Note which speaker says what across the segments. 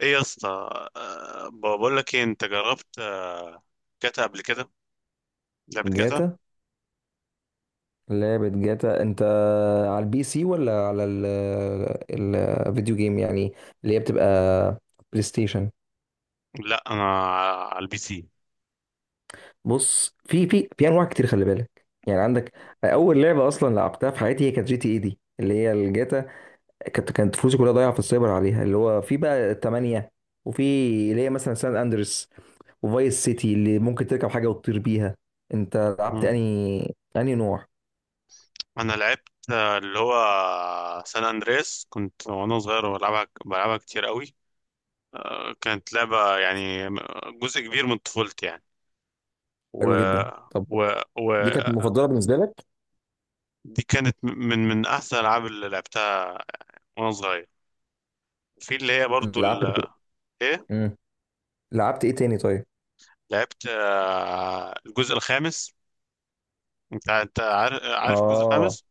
Speaker 1: ايه يا اسطى؟ بقول لك ايه، انت جربت جاتا قبل كده؟ لعبة جاتا.
Speaker 2: جاتا، لعبة جاتا انت على البي سي ولا على الفيديو جيم يعني اللي هي بتبقى بلاي ستيشن.
Speaker 1: لا، انا على البي سي.
Speaker 2: بص، في انواع كتير، خلي بالك. يعني عندك اول لعبة اصلا لعبتها في حياتي هي كانت جي تي اي دي اللي هي الجاتا. كانت فلوسي كلها ضايعة في السايبر عليها، اللي هو في بقى تمانية، وفي اللي هي مثلا سان اندريس وفايس سيتي اللي ممكن تركب حاجة وتطير بيها. انت لعبت
Speaker 1: مم.
Speaker 2: انهي، انهي نوع؟
Speaker 1: انا لعبت اللي هو سان اندريس، كنت وانا صغير بلعبها كتير قوي. كانت لعبة يعني جزء كبير من طفولتي يعني. و
Speaker 2: حلو جدا، طب
Speaker 1: و و
Speaker 2: دي كانت مفضله بالنسبه لك؟
Speaker 1: دي كانت من احسن الالعاب اللي لعبتها وانا صغير، في اللي هي برضو
Speaker 2: لعبت،
Speaker 1: ايه.
Speaker 2: امم لعبت ايه تاني طيب؟
Speaker 1: لعبت الجزء الخامس. انت عارف الجزء
Speaker 2: اه،
Speaker 1: الخامس؟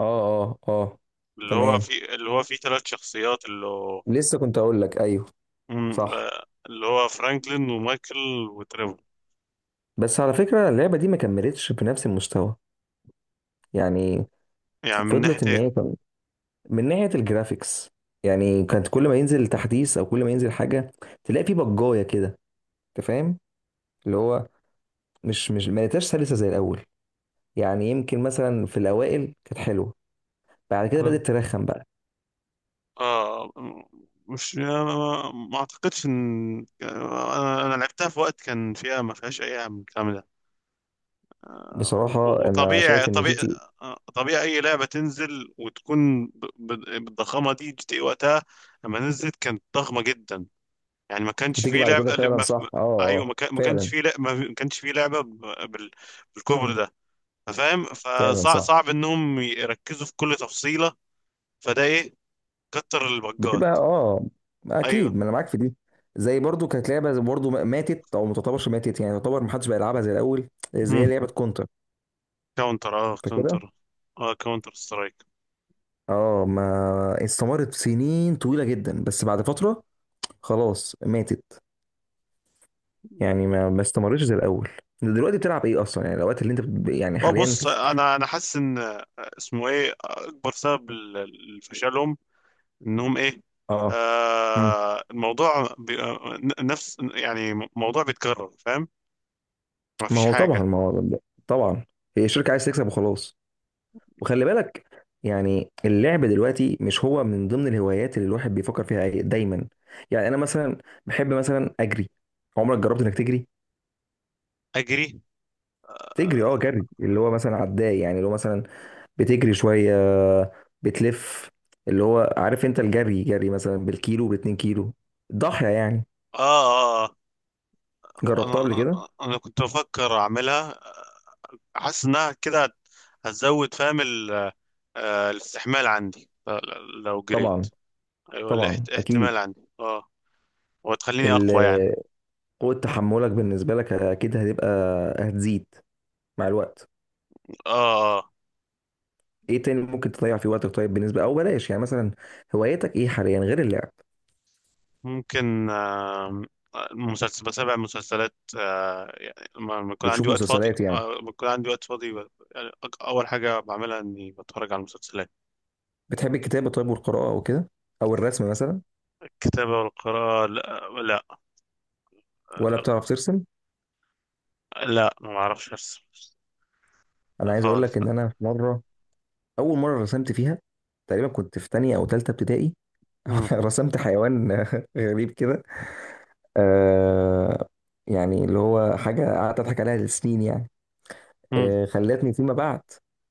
Speaker 2: اه، اه اه،
Speaker 1: اللي هو
Speaker 2: تمام،
Speaker 1: في اللي هو فيه ثلاث شخصيات، اللي هو
Speaker 2: لسه كنت اقول لك ايوه، صح.
Speaker 1: اللي هو فرانكلين ومايكل وتريفور.
Speaker 2: بس على فكره اللعبه دي ما كملتش بنفس المستوى يعني.
Speaker 1: يعني من ناحية
Speaker 2: فضلت ان
Speaker 1: ايه؟
Speaker 2: هي من ناحيه الجرافيكس يعني. كانت كل ما ينزل تحديث او كل ما ينزل حاجه تلاقي في بجايه كده، انت فاهم؟ اللي هو مش ما لقيتهاش سلسه زي الاول يعني. يمكن مثلا في الاوائل كانت حلوه، بعد كده
Speaker 1: مم.
Speaker 2: بدات ترخم بقى.
Speaker 1: اه. مش ما اعتقدش ان انا لعبتها في وقت كان فيها ما فيهاش اي عام من الكلام ده.
Speaker 2: بصراحه انا
Speaker 1: وطبيعي
Speaker 2: شايف ان جي
Speaker 1: طبيعي
Speaker 2: تي
Speaker 1: طبيعي اي لعبه تنزل وتكون بالضخامه دي، جي تي إيه وقتها لما نزلت كانت ضخمه جدا. يعني ما كانش
Speaker 2: بتيجي
Speaker 1: فيه
Speaker 2: بعد كده،
Speaker 1: لعبة اللي
Speaker 2: فعلا
Speaker 1: ما...
Speaker 2: صح، اه
Speaker 1: ايوه،
Speaker 2: اه،
Speaker 1: ما كانش
Speaker 2: فعلا،
Speaker 1: فيه لعبة ما كانش فيه لعبة بالكبر ده، فاهم.
Speaker 2: فعلا
Speaker 1: فصعب
Speaker 2: صح.
Speaker 1: صعب انهم يركزوا في كل تفصيلة، فده ايه، كتر
Speaker 2: بتبقى
Speaker 1: البجات.
Speaker 2: اه،
Speaker 1: ايوه.
Speaker 2: اكيد، ما انا معاك في دي. زي برضو كانت لعبه برضو ماتت، او ما تعتبرش ماتت يعني، تعتبر ما حدش بقى يلعبها زي الاول، زي
Speaker 1: مم.
Speaker 2: لعبه كونتر
Speaker 1: كاونتر، اه،
Speaker 2: فكده.
Speaker 1: كاونتر. اه، كاونتر سترايك.
Speaker 2: اه، ما استمرت سنين طويله جدا، بس بعد فتره خلاص ماتت يعني، ما استمرتش زي الاول. دلوقتي بتلعب ايه اصلا يعني، الوقت اللي انت يعني
Speaker 1: اه،
Speaker 2: حاليا؟
Speaker 1: بص، انا حاسس ان اسمه ايه اكبر سبب لفشلهم انهم ايه،
Speaker 2: اه. مم.
Speaker 1: الموضوع بي... آه، نفس يعني موضوع بيتكرر، فاهم. ما
Speaker 2: ما
Speaker 1: فيش
Speaker 2: هو طبعا،
Speaker 1: حاجة.
Speaker 2: ما هو طبعا، هي الشركه عايز تكسب وخلاص. وخلي بالك يعني، اللعب دلوقتي مش هو من ضمن الهوايات اللي الواحد بيفكر فيها دايما. يعني انا مثلا بحب مثلا اجري. عمرك جربت انك تجري؟
Speaker 1: اجري؟
Speaker 2: تجري اه، جري اللي هو مثلا عداء يعني، اللي هو مثلا بتجري شويه، بتلف، اللي هو عارف انت الجري، جري مثلا بالكيلو، باتنين كيلو، ضاحيه يعني.
Speaker 1: اه. آه.
Speaker 2: جربتها
Speaker 1: انا
Speaker 2: قبل
Speaker 1: انا
Speaker 2: كده؟
Speaker 1: أنا كنت بفكر اعملها، حاسس انها كده هتزود، فاهم الاستحمال عندي لو جريت.
Speaker 2: طبعا،
Speaker 1: ايوه،
Speaker 2: طبعا اكيد.
Speaker 1: احتمال عندي، اه. وتخليني اقوى يعني.
Speaker 2: ال- قوه تحملك بالنسبه لك اكيد هتبقى، هتزيد مع الوقت.
Speaker 1: اه، اه.
Speaker 2: ايه تاني ممكن تضيع فيه وقتك طيب؟ بالنسبه، او بلاش يعني مثلا، هوايتك ايه حاليا غير اللعب؟
Speaker 1: ممكن مسلسل، بتابع مسلسلات يعني لما يكون
Speaker 2: بتشوف
Speaker 1: عندي وقت فاضي،
Speaker 2: مسلسلات يعني.
Speaker 1: لما يكون عندي وقت فاضي يعني اول حاجه بعملها اني بتفرج على المسلسلات.
Speaker 2: بتحب الكتابه طيب والقراءه او كده، او الرسم مثلا؟
Speaker 1: الكتابه والقراءه، لا، لا.
Speaker 2: ولا
Speaker 1: آه،
Speaker 2: بتعرف ترسم؟
Speaker 1: لا، ما اعرفش ارسم.
Speaker 2: انا عايز اقول لك
Speaker 1: خالص، لا.
Speaker 2: ان انا في مره، اول مره رسمت فيها تقريبا كنت في تانية او تالتة ابتدائي
Speaker 1: مم.
Speaker 2: رسمت حيوان غريب كده. آه، يعني اللي هو حاجه قعدت اضحك عليها لسنين يعني. آه، خلتني فيما بعد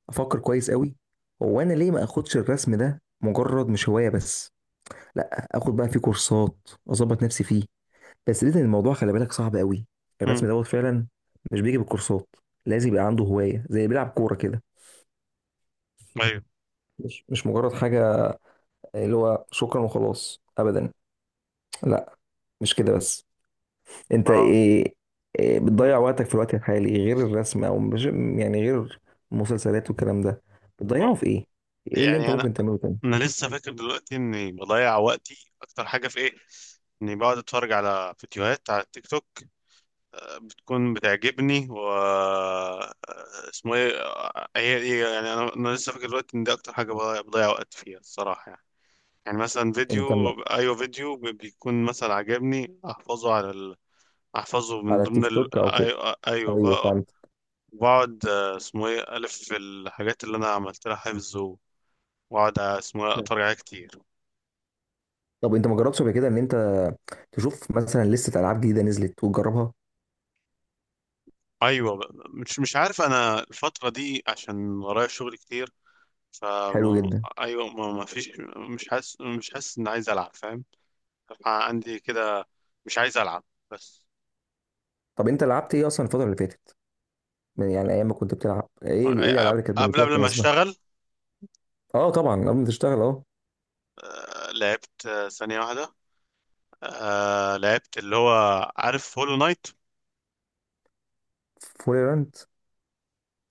Speaker 2: افكر كويس قوي، هو انا ليه ما اخدش الرسم ده مجرد مش هوايه بس، لا اخد بقى فيه كورسات، اظبط نفسي فيه. بس لازم الموضوع، خلي بالك، صعب قوي. الرسم
Speaker 1: مم.
Speaker 2: دوت فعلا مش بيجي بالكورسات، لازم يبقى عنده هوايه زي بيلعب كوره كده،
Speaker 1: ايوه،
Speaker 2: مش مجرد حاجه اللي هو شكرا وخلاص ابدا، لا مش كده بس. انت
Speaker 1: اه.
Speaker 2: ايه, إيه بتضيع وقتك في الوقت الحالي غير الرسم؟ او مش يعني، غير المسلسلات والكلام ده بتضيعه في
Speaker 1: آه.
Speaker 2: ايه؟ ايه اللي انت
Speaker 1: يعني انا
Speaker 2: ممكن تعمله تاني؟
Speaker 1: انا لسه فاكر دلوقتي اني بضيع وقتي اكتر حاجه في ايه، اني بقعد اتفرج على فيديوهات على التيك توك، بتكون بتعجبني، و اسمه ايه، يعني انا لسه فاكر دلوقتي ان دي اكتر حاجه بضيع وقت فيها الصراحه يعني. يعني مثلا
Speaker 2: انت م-
Speaker 1: فيديو، ايوه، فيديو بيكون مثلا عجبني، احفظه على ال... احفظه من
Speaker 2: على
Speaker 1: ضمن
Speaker 2: التيك
Speaker 1: ال...
Speaker 2: توك او كده؟
Speaker 1: ايوه، ايوه
Speaker 2: ايوه
Speaker 1: بقى.
Speaker 2: فهمت.
Speaker 1: بقعد اسمه ايه، الف في الحاجات اللي انا عملت لها حفظ، واقعد اسمه اتفرج عليها كتير.
Speaker 2: طب انت ما جربتش قبل كده ان انت تشوف مثلا لسه العاب جديده نزلت وتجربها؟
Speaker 1: ايوه، مش عارف انا الفتره دي عشان ورايا شغل كتير،
Speaker 2: حلو
Speaker 1: فما...
Speaker 2: جدا.
Speaker 1: ايوه، ما فيش. مش حاسس ان عايز العب، فاهم، عندي كده. مش عايز العب بس.
Speaker 2: طب انت لعبت ايه اصلا الفتره اللي فاتت يعني ايام ما كنت بتلعب؟ ايه ايه الالعاب اللي كانت
Speaker 1: قبل
Speaker 2: بالنسبه
Speaker 1: قبل
Speaker 2: لك
Speaker 1: ما
Speaker 2: مناسبه؟
Speaker 1: اشتغل،
Speaker 2: اه طبعا، قبل ما تشتغل اه.
Speaker 1: لعبت ثانيه واحده. لعبت اللي هو، عارف هولو نايت؟
Speaker 2: فوليرانت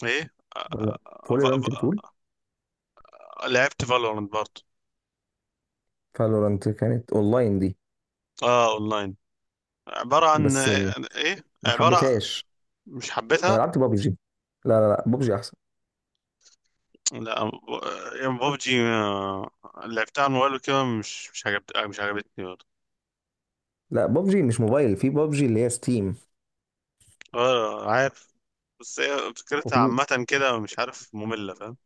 Speaker 1: ايه،
Speaker 2: ولا،
Speaker 1: آه، آه،
Speaker 2: فوليرانت بتقول؟
Speaker 1: ف- لعبت فالورانت برضه.
Speaker 2: فالورانت كانت اونلاين دي.
Speaker 1: اه، اونلاين، عباره عن
Speaker 2: بس
Speaker 1: ايه،
Speaker 2: ما
Speaker 1: عباره...
Speaker 2: حبيتهاش.
Speaker 1: مش
Speaker 2: انا
Speaker 1: حبيتها.
Speaker 2: لعبت بابجي، لا لا لا بابجي احسن.
Speaker 1: لا، يعني ببجي، لعبتها على الموبايل وكده، مش عجبتني برضه.
Speaker 2: لا بابجي مش موبايل، في بابجي اللي هي ستيم.
Speaker 1: اه، عارف. بس هي فكرتها
Speaker 2: وفي
Speaker 1: عامة كده، مش عارف، مملة، فاهم.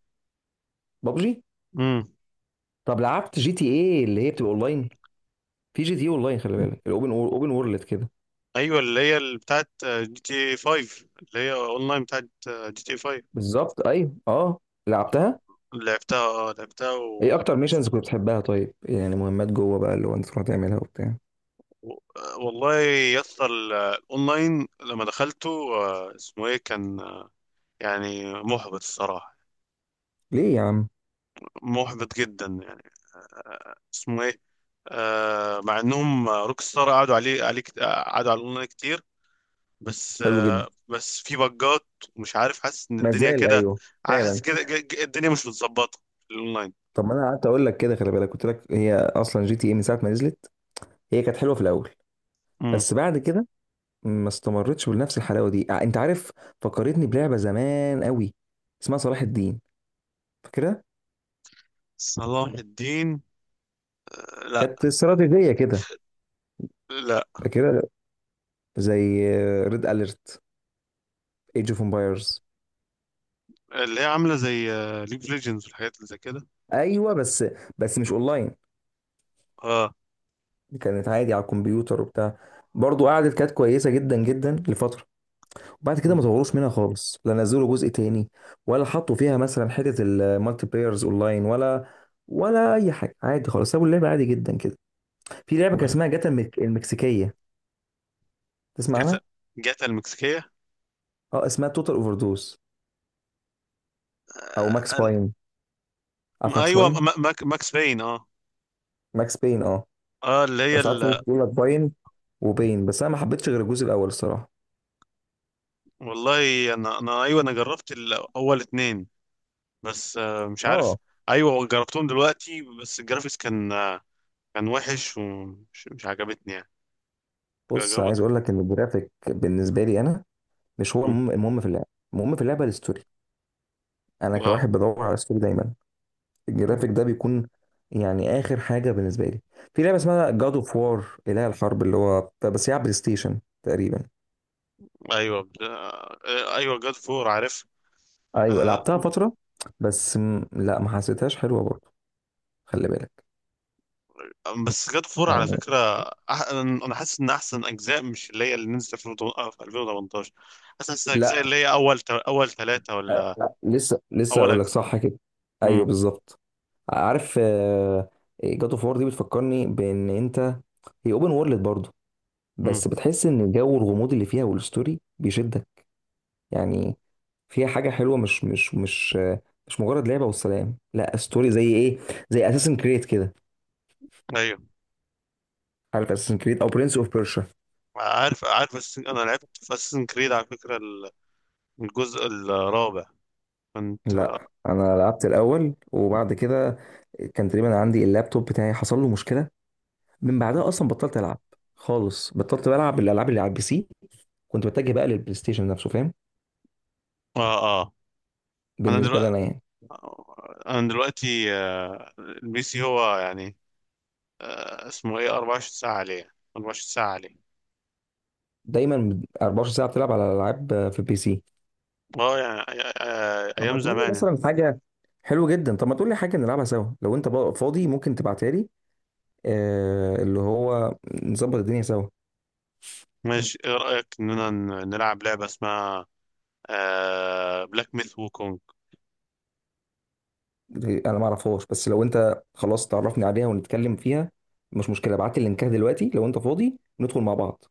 Speaker 2: بابجي.
Speaker 1: امم
Speaker 2: طب لعبت جي تي ايه اللي هي بتبقى اونلاين؟ في جي تي اونلاين، خلي بالك، الاوبن، وورلد كده.
Speaker 1: ايوه، اللي هي اللي بتاعت جي تي 5 اللي هي اونلاين بتاعت جي تي 5.
Speaker 2: بالظبط، ايوه اه، لعبتها.
Speaker 1: لعبتها
Speaker 2: ايه
Speaker 1: و...
Speaker 2: اكتر ميشنز كنت بتحبها طيب يعني، مهمات جوه بقى اللي هو انت تروح تعملها وبتاع؟
Speaker 1: و... والله، يسطا الاونلاين لما دخلته، اسمه ايه، كان يعني محبط الصراحة،
Speaker 2: ليه يا عم؟
Speaker 1: محبط جدا يعني. اسمه ايه، مع انهم روك ستار قعدوا عليه عليه كت- قعدوا على الاونلاين كتير،
Speaker 2: حلو جدا.
Speaker 1: بس في بجات، ومش عارف، حاسس ان الدنيا
Speaker 2: مازال،
Speaker 1: كده،
Speaker 2: ايوه. فعلا.
Speaker 1: حاسس كده الدنيا مش متظبطه في الاونلاين.
Speaker 2: طب ما انا قعدت اقول لك كده، خلي بالك، قلت لك هي اصلا جي تي اي من ساعه ما نزلت هي كانت حلوه في الاول،
Speaker 1: امم
Speaker 2: بس بعد كده ما استمرتش بنفس الحلاوه دي، ع- انت عارف. فكرتني بلعبه زمان قوي اسمها صلاح الدين، فاكرها؟
Speaker 1: صلاح الدين؟ لا.
Speaker 2: كانت استراتيجيه كده،
Speaker 1: لا.
Speaker 2: فاكرها؟ زي ريد اليرت، ايج اوف امبايرز.
Speaker 1: اللي هي عامله زي ليج اوف ليجندز والحاجات اللي زي كده.
Speaker 2: ايوه بس، بس مش اونلاين،
Speaker 1: اه.
Speaker 2: كانت عادي على الكمبيوتر وبتاع. برضو قعدت، كانت كويسه جدا جدا لفتره، وبعد كده ما طوروش منها خالص، لا نزلوا جزء تاني، ولا حطوا فيها مثلا حته المالتي بلايرز اونلاين، ولا ولا اي حاجه، عادي خالص سابوا اللعبه عادي جدا كده. في لعبه كان
Speaker 1: لا.
Speaker 2: اسمها جاتا المكسيكيه، تسمع
Speaker 1: جاتا؟
Speaker 2: عنها؟
Speaker 1: جاتا المكسيكيه؟
Speaker 2: اه اسمها توتال اوفر دوز، او ماكس
Speaker 1: آه، ال-
Speaker 2: باين. عارف ماكس
Speaker 1: ايوه،
Speaker 2: باين؟
Speaker 1: ماكس باين، اه.
Speaker 2: ماكس باين اه.
Speaker 1: اه، اللي هي
Speaker 2: بس ساعات الناس
Speaker 1: ال...
Speaker 2: بتقول لك باين وباين، بس انا ما حبيتش غير الجزء الاول الصراحه
Speaker 1: والله انا، ايوه، انا جربت الاول اتنين، بس مش عارف.
Speaker 2: اه.
Speaker 1: ايوه، جربتهم دلوقتي بس الجرافيكس كان كان وحش، ومش مش عجبتني يعني.
Speaker 2: بص،
Speaker 1: جرب...
Speaker 2: عايز اقول لك ان الجرافيك بالنسبه لي انا مش هو
Speaker 1: مم.
Speaker 2: المهم، المهم في اللعبه، المهم في اللعبه الستوري. انا
Speaker 1: اه.
Speaker 2: كواحد بدور على ستوري دايما،
Speaker 1: مم.
Speaker 2: الجرافيك ده بيكون يعني اخر حاجه بالنسبه لي. في لعبه اسمها جاد اوف وار، اله الحرب، اللي هو بس هي على بلاي ستيشن تقريبا.
Speaker 1: ايوه، ايوه جاد فور، عارف.
Speaker 2: ايوه
Speaker 1: آه،
Speaker 2: لعبتها فتره، بس م... لا، ما حسيتهاش حلوه برضه، خلي بالك.
Speaker 1: بس جاد فور على
Speaker 2: يعني
Speaker 1: فكره، أح... انا حاسس ان احسن اجزاء مش اللي هي اللي نزلت في 2018، حاسس احسن اجزاء
Speaker 2: لا،
Speaker 1: اللي هي اول ثلاثه
Speaker 2: آه،
Speaker 1: ولا
Speaker 2: لا، لسه
Speaker 1: اول
Speaker 2: اقول لك
Speaker 1: اجزاء.
Speaker 2: صح كده. ايوه
Speaker 1: امم
Speaker 2: بالظبط. عارف جاد اوف وار دي بتفكرني بان انت، هي اوبن وورلد برضه،
Speaker 1: امم
Speaker 2: بس بتحس ان جو الغموض اللي فيها والستوري بيشد يعني، فيها حاجه حلوه، مش مجرد لعبه والسلام، لا ستوري زي ايه، زي اساسن كريد كده.
Speaker 1: ايوه،
Speaker 2: عارف اساسن كريد، او برنس اوف بيرشا؟
Speaker 1: عارف. بس انا لعبت في اساسن كريد على فكره الجزء الرابع، كنت
Speaker 2: لا انا لعبت الاول، وبعد كده كان تقريبا عندي اللابتوب بتاعي حصل له مشكله، من بعدها اصلا بطلت العب خالص، بطلت بلعب الالعاب اللي على البي سي، كنت بتجه بقى للبلاي ستيشن نفسه، فاهم؟
Speaker 1: اه، اه. انا
Speaker 2: بالنسبه لي
Speaker 1: دلوقتي
Speaker 2: انا يعني.
Speaker 1: انا دلوقتي البي سي هو يعني اسمه ايه، 24 ساعة عليه، 24 ساعة عليه.
Speaker 2: دايما 24 ساعه بتلعب على العاب في البي سي؟
Speaker 1: اه يعني
Speaker 2: طب ما
Speaker 1: ايام
Speaker 2: تقول لي
Speaker 1: زمان يعني.
Speaker 2: مثلا حاجه، حلو جدا، طب ما تقول لي حاجه نلعبها سوا. لو انت بقى فاضي ممكن تبعتها لي، آه، اللي هو نظبط الدنيا سوا.
Speaker 1: ماشي، ايه رأيك اننا نلعب لعبة اسمها بلاك ميث وكونج.
Speaker 2: انا ما اعرفهاش، بس لو انت خلاص تعرفني عليها ونتكلم فيها مش مشكله. ابعت لي اللينكات دلوقتي لو انت فاضي، ندخل مع بعض،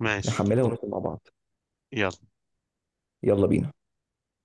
Speaker 1: ماشي،
Speaker 2: نحملها
Speaker 1: يلا.
Speaker 2: وندخل مع بعض.
Speaker 1: يلا.
Speaker 2: يلا بينا.